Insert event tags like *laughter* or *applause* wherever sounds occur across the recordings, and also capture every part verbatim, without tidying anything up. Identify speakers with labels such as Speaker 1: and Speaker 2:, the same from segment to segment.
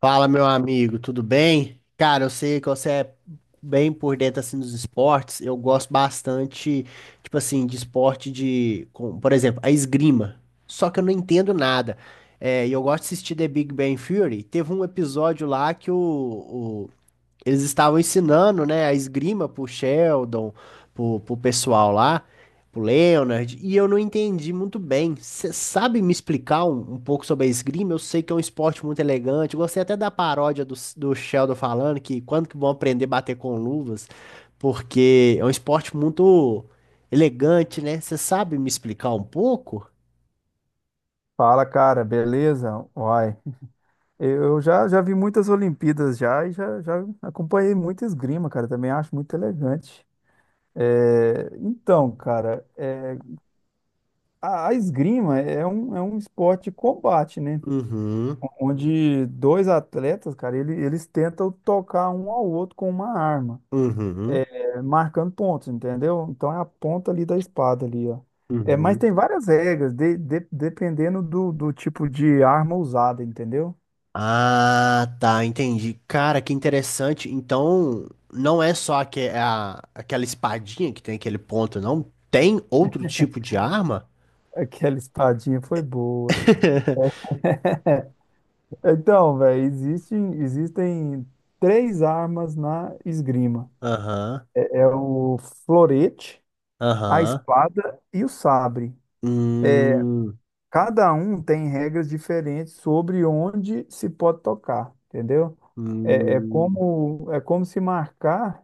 Speaker 1: Fala, meu amigo, tudo bem? Cara, eu sei que você é bem por dentro assim dos esportes. Eu gosto bastante, tipo assim, de esporte de, com- por exemplo, a esgrima. Só que eu não entendo nada. É, e eu gosto de assistir The Big Bang Theory. Teve um episódio lá que o, eles estavam ensinando, né, a esgrima pro Sheldon, pro, pro pessoal lá, pro Leonard, e eu não entendi muito bem. Você sabe me explicar um, um pouco sobre a esgrima? Eu sei que é um esporte muito elegante. Eu gostei até da paródia do, do Sheldon falando que quando que vão aprender a bater com luvas, porque é um esporte muito elegante, né? Você sabe me explicar um pouco?
Speaker 2: Fala, cara, beleza? Uai, eu já, já vi muitas Olimpíadas já e já, já acompanhei muita esgrima, cara, também acho muito elegante. É, então, cara, é, a, a esgrima é um, é um esporte de combate, né?
Speaker 1: Uhum,
Speaker 2: Onde dois atletas, cara, ele- eles tentam tocar um ao outro com uma arma,
Speaker 1: uhum,
Speaker 2: é, marcando pontos, entendeu? Então é a ponta ali da espada ali, ó. É, mas
Speaker 1: uhum.
Speaker 2: tem várias regras, de- de- dependendo do, do tipo de arma usada, entendeu?
Speaker 1: Ah, tá, entendi. Cara, que interessante. Então, não é só aque- é a- aquela espadinha que tem aquele ponto, não? Tem outro tipo de arma?
Speaker 2: Aquela espadinha foi boa. Então, velho, existem, existem três armas na esgrima.
Speaker 1: Aham,
Speaker 2: É o florete, a
Speaker 1: aham.
Speaker 2: espada e o sabre.
Speaker 1: Hum,
Speaker 2: Cada um tem regras diferentes sobre onde se pode tocar, entendeu? É, é
Speaker 1: hum,
Speaker 2: como, é como se marcar,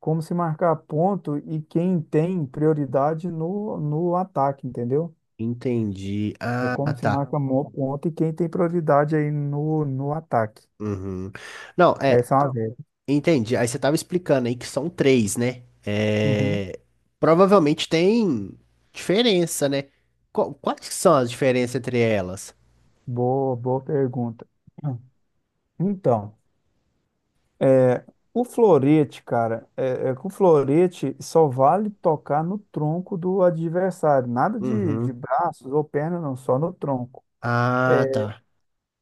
Speaker 2: como se marcar ponto e quem tem prioridade no, no ataque, entendeu?
Speaker 1: entendi.
Speaker 2: É
Speaker 1: Ah,
Speaker 2: como se
Speaker 1: tá.
Speaker 2: marca mo- ponto e quem tem prioridade aí no, no ataque.
Speaker 1: Uhum. Não, é,
Speaker 2: Essa é uma
Speaker 1: entendi. Aí você tava explicando aí que são três, né?
Speaker 2: Uhum.
Speaker 1: É, provavelmente tem diferença, né? Qu- Quais que são as diferenças entre elas?
Speaker 2: Boa, boa pergunta. Então, o florete, cara, é, é que o florete só vale tocar no tronco do adversário, nada de, de
Speaker 1: Uhum.
Speaker 2: braços ou pernas, não, só no tronco.
Speaker 1: Ah, tá.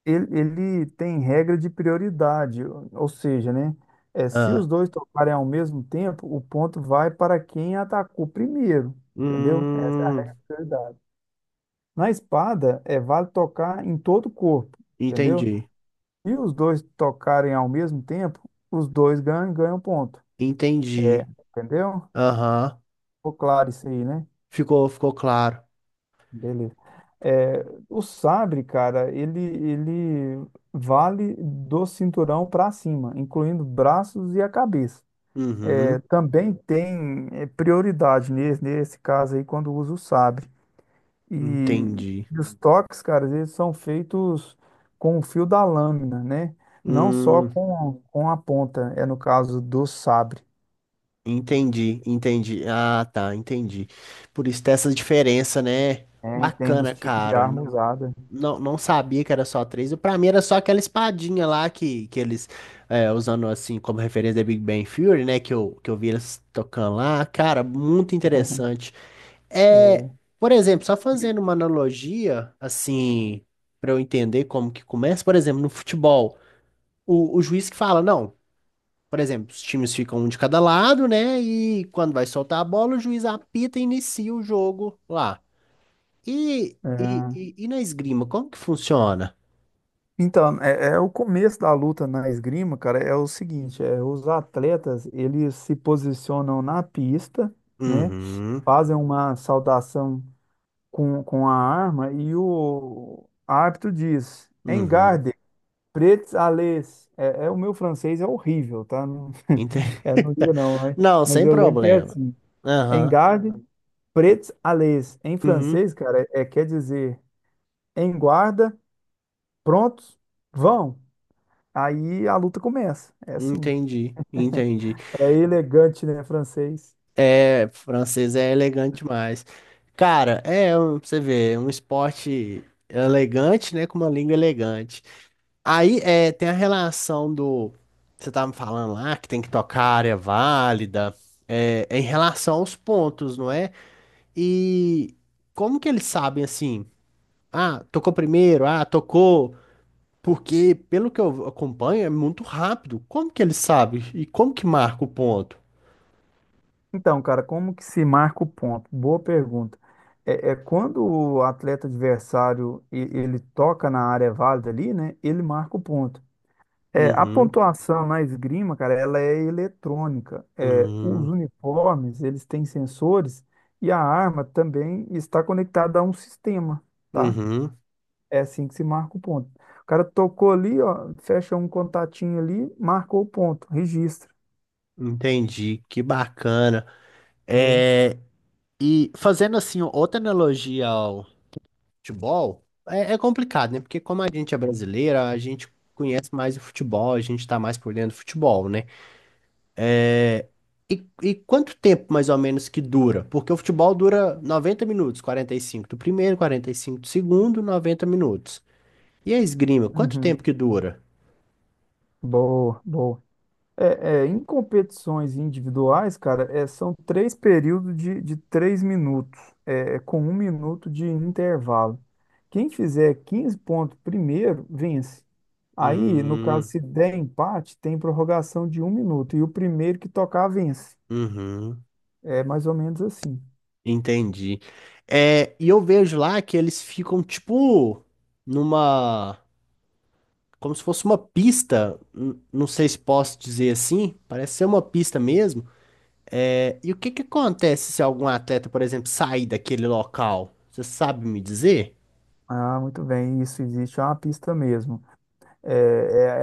Speaker 2: Ele, ele tem regra de prioridade, ou ou seja, né, é, se os
Speaker 1: Ah.
Speaker 2: dois tocarem ao mesmo tempo, o ponto vai para quem atacou primeiro, entendeu? Essa é a regra
Speaker 1: Hum,
Speaker 2: de prioridade. Na espada, é vale tocar em todo o corpo, entendeu?
Speaker 1: entendi.
Speaker 2: E os dois tocarem ao mesmo tempo, os dois ganham, ganham ponto.
Speaker 1: Entendi.
Speaker 2: Entendeu?
Speaker 1: Aham.
Speaker 2: Ficou claro isso aí, né?
Speaker 1: Ficou, ficou claro.
Speaker 2: Beleza. É, o sabre, cara, ele, ele vale do cinturão para cima, incluindo braços e a cabeça. É,
Speaker 1: Uhum.
Speaker 2: também tem é, prioridade nesse, nesse caso aí quando usa o sabre. E,
Speaker 1: Entendi.
Speaker 2: e os toques, cara, eles são feitos com o fio da lâmina, né? Não só
Speaker 1: Hum,
Speaker 2: com, com a ponta, é no caso do sabre.
Speaker 1: entendi, entendi. Ah, tá, entendi. Por isso tem essa diferença, né?
Speaker 2: É, entendo os
Speaker 1: Bacana,
Speaker 2: tipos de
Speaker 1: cara.
Speaker 2: arma
Speaker 1: Não,
Speaker 2: usada.
Speaker 1: não, não sabia que era só três. Pra mim era só aquela espadinha lá que, que eles, é, usando assim como referência da Big Bang Theory, né? Que eu, que eu vi eles tocando lá. Cara, muito
Speaker 2: *laughs*
Speaker 1: interessante.
Speaker 2: É,
Speaker 1: É, por exemplo, só fazendo uma analogia, assim, para eu entender como que começa, por exemplo, no futebol, o, o juiz que fala, não, por exemplo, os times ficam um de cada lado, né? E quando vai soltar a bola, o juiz apita e inicia o jogo lá. E, e,
Speaker 2: é.
Speaker 1: e, e na esgrima, como que funciona?
Speaker 2: Então, é, é o começo da luta na esgrima, cara, é o seguinte, é, os atletas, eles se posicionam na pista, né,
Speaker 1: Uhum,
Speaker 2: fazem uma saudação com, com a arma e o árbitro diz,
Speaker 1: uhum,
Speaker 2: Engarde, prêts à lez. É, é, o meu francês é horrível, tá? Não, *laughs*
Speaker 1: entendi.
Speaker 2: é, não
Speaker 1: *laughs*
Speaker 2: diga não, mas,
Speaker 1: Não,
Speaker 2: mas
Speaker 1: sem
Speaker 2: eu lembro que é
Speaker 1: problema.
Speaker 2: assim,
Speaker 1: Aham,
Speaker 2: Engarde, prêts à lez. Em
Speaker 1: uhum,
Speaker 2: francês, cara, é, é, quer dizer em guarda, prontos, vão. Aí a luta começa. É assim.
Speaker 1: entendi, entendi.
Speaker 2: É elegante, né, francês?
Speaker 1: É, francês é elegante demais. Cara, é, um- você vê, é um esporte elegante, né, com uma língua elegante. Aí, é, tem a relação do, você tava me falando lá, que tem que tocar a área válida, é, é em relação aos pontos, não é? E como que eles sabem, assim, ah, tocou primeiro, ah, tocou, porque, pelo que eu acompanho, é muito rápido. Como que eles sabem? E como que marca o ponto?
Speaker 2: Então, cara, como que se marca o ponto? Boa pergunta. É, é quando o atleta adversário e- ele toca na área válida ali, né? Ele marca o ponto. É, a
Speaker 1: Uhum,
Speaker 2: pontuação na esgrima, cara, ela é eletrônica. É, os
Speaker 1: uhum,
Speaker 2: uniformes, eles têm sensores e a arma também está conectada a um sistema, tá?
Speaker 1: uhum.
Speaker 2: É assim que se marca o ponto. O cara tocou ali, ó, fecha um contatinho ali, marcou o ponto, registra,
Speaker 1: Entendi, que bacana.
Speaker 2: né?
Speaker 1: É, e fazendo assim outra analogia ao futebol, é, é complicado, né? Porque como a gente é brasileira, a gente conhece mais o futebol, a gente tá mais por dentro do futebol, né? E, e quanto tempo mais ou menos que dura? Porque o futebol dura noventa minutos, quarenta e cinco do primeiro, quarenta e cinco do segundo, noventa minutos. E a esgrima, quanto tempo
Speaker 2: Uhum.
Speaker 1: que dura?
Speaker 2: Boa, boa. É, é, em competições individuais, cara, é, são três períodos de, de três minutos, é, é com um minuto de intervalo. Quem fizer quinze pontos primeiro, vence. Aí, no caso,
Speaker 1: Hum,
Speaker 2: se der empate, tem prorrogação de um minuto, e o primeiro que tocar, vence.
Speaker 1: uhum.
Speaker 2: É mais ou menos assim.
Speaker 1: Entendi. É, e eu vejo lá que eles ficam tipo numa, como se fosse uma pista, n- não sei se posso dizer assim, parece ser uma pista mesmo. É, e o que que acontece se algum atleta, por exemplo, sair daquele local? Você sabe me dizer?
Speaker 2: Ah, muito bem, isso existe, é uma pista mesmo. É,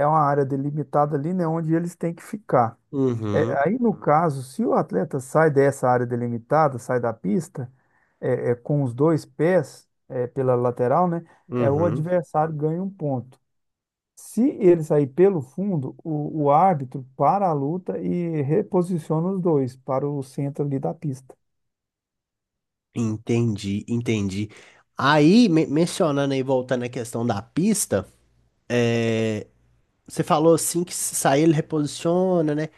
Speaker 2: é, é uma área delimitada ali, né, onde eles têm que ficar.
Speaker 1: Uhum,
Speaker 2: Aí, no caso, se o atleta sai dessa área delimitada, sai da pista, é, é, com os dois pés, é, pela lateral, né, é, o
Speaker 1: uhum.
Speaker 2: adversário ganha um ponto. Se ele sair pelo fundo, o, o árbitro para a luta e reposiciona os dois para o centro ali da pista.
Speaker 1: Entendi, entendi. Aí, men- mencionando aí, voltando à questão da pista, é, você falou assim que se sair ele reposiciona, né?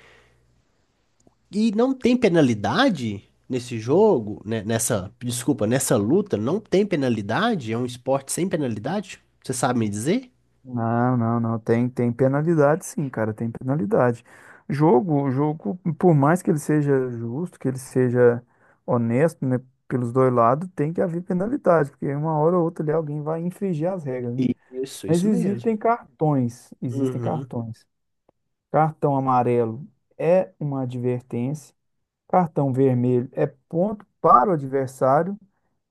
Speaker 1: E não tem penalidade nesse jogo, né? Nessa, desculpa, nessa luta, não tem penalidade? É um esporte sem penalidade? Você sabe me dizer?
Speaker 2: Não, não, não. Tem, tem penalidade, sim, cara. Tem penalidade. Jogo, jogo, por mais que ele seja justo, que ele seja honesto, né, pelos dois lados, tem que haver penalidade, porque uma hora ou outra ali alguém vai infringir as regras, né?
Speaker 1: Isso,
Speaker 2: Mas
Speaker 1: isso mesmo.
Speaker 2: existem cartões, existem
Speaker 1: Uhum,
Speaker 2: cartões. Cartão amarelo é uma advertência, cartão vermelho é ponto para o adversário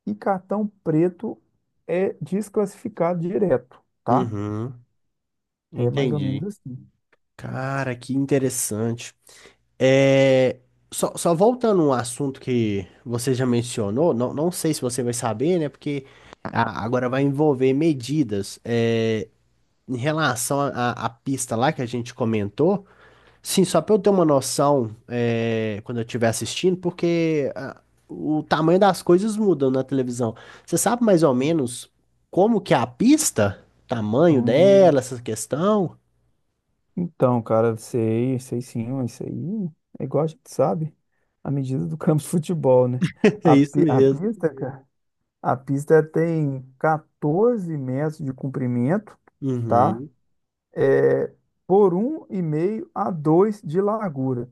Speaker 2: e cartão preto é desclassificado direto, tá?
Speaker 1: uhum,
Speaker 2: É mais ou menos
Speaker 1: entendi.
Speaker 2: assim.
Speaker 1: Cara, que interessante. É, só, só voltando a um assunto que você já mencionou, não, não sei se você vai saber, né? Porque a- agora vai envolver medidas. É, em relação à à pista lá que a gente comentou. Sim, só para eu ter uma noção, é, quando eu estiver assistindo, porque ah, o tamanho das coisas mudam na televisão. Você sabe mais ou menos como que é a pista? Tamanho dela,
Speaker 2: Hum,
Speaker 1: essa questão?
Speaker 2: Então, cara, sei, sei sim, mas isso aí é igual a gente sabe, a medida do *laughs* campo de futebol, né?
Speaker 1: *laughs* É
Speaker 2: A,
Speaker 1: isso
Speaker 2: pi- a
Speaker 1: mesmo.
Speaker 2: pista, cara, a pista tem quatorze metros de comprimento, tá?
Speaker 1: Uhum,
Speaker 2: É, por um e meio a dois de largura.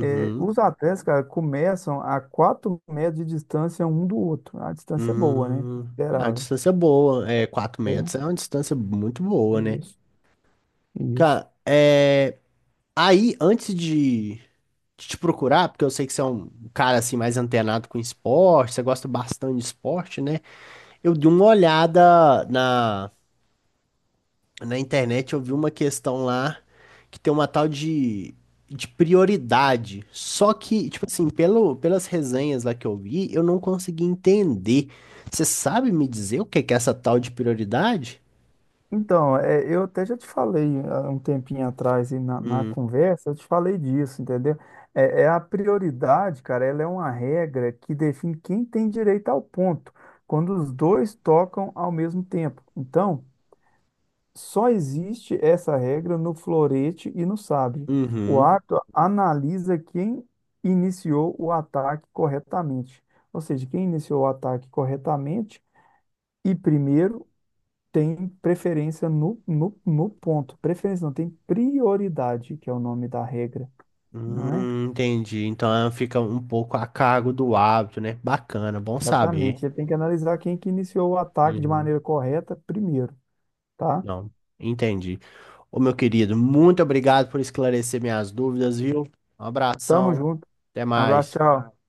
Speaker 2: É, os atletas, cara, começam a quatro metros de distância um do outro. A distância é boa, né?
Speaker 1: Hum, é uma
Speaker 2: Considerável.
Speaker 1: distância boa. É, quatro
Speaker 2: É,
Speaker 1: metros é uma distância muito boa, né?
Speaker 2: isso, isso.
Speaker 1: Cara, é, aí, antes de, de te procurar, porque eu sei que você é um cara assim mais antenado com esporte, você gosta bastante de esporte, né? Eu dei uma olhada na, na internet, eu vi uma questão lá que tem uma tal de, de prioridade. Só que, tipo assim, pelo, pelas resenhas lá que eu vi, eu não consegui entender. Você sabe me dizer o que que é essa tal de prioridade?
Speaker 2: Então, é, eu até já te falei há um tempinho atrás e na, na
Speaker 1: Hum,
Speaker 2: conversa, eu te falei disso, entendeu? É, é a prioridade, cara, ela é uma regra que define quem tem direito ao ponto, quando os dois tocam ao mesmo tempo. Então, só existe essa regra no florete e no sabre. O
Speaker 1: uhum,
Speaker 2: árbitro analisa quem iniciou o ataque corretamente, ou seja, quem iniciou o ataque corretamente e primeiro tem preferência no, no, no ponto. Preferência não, tem prioridade, que é o nome da regra, não é?
Speaker 1: hum, entendi. Então ela fica um pouco a cargo do hábito, né? Bacana, bom saber.
Speaker 2: Exatamente. Ele tem que analisar quem que iniciou o ataque de
Speaker 1: Uhum,
Speaker 2: maneira correta primeiro, tá?
Speaker 1: não, entendi. Ô, meu querido, muito obrigado por esclarecer minhas dúvidas, viu? Um
Speaker 2: Tamo
Speaker 1: abração,
Speaker 2: junto.
Speaker 1: até
Speaker 2: Um abraço,
Speaker 1: mais.
Speaker 2: tchau.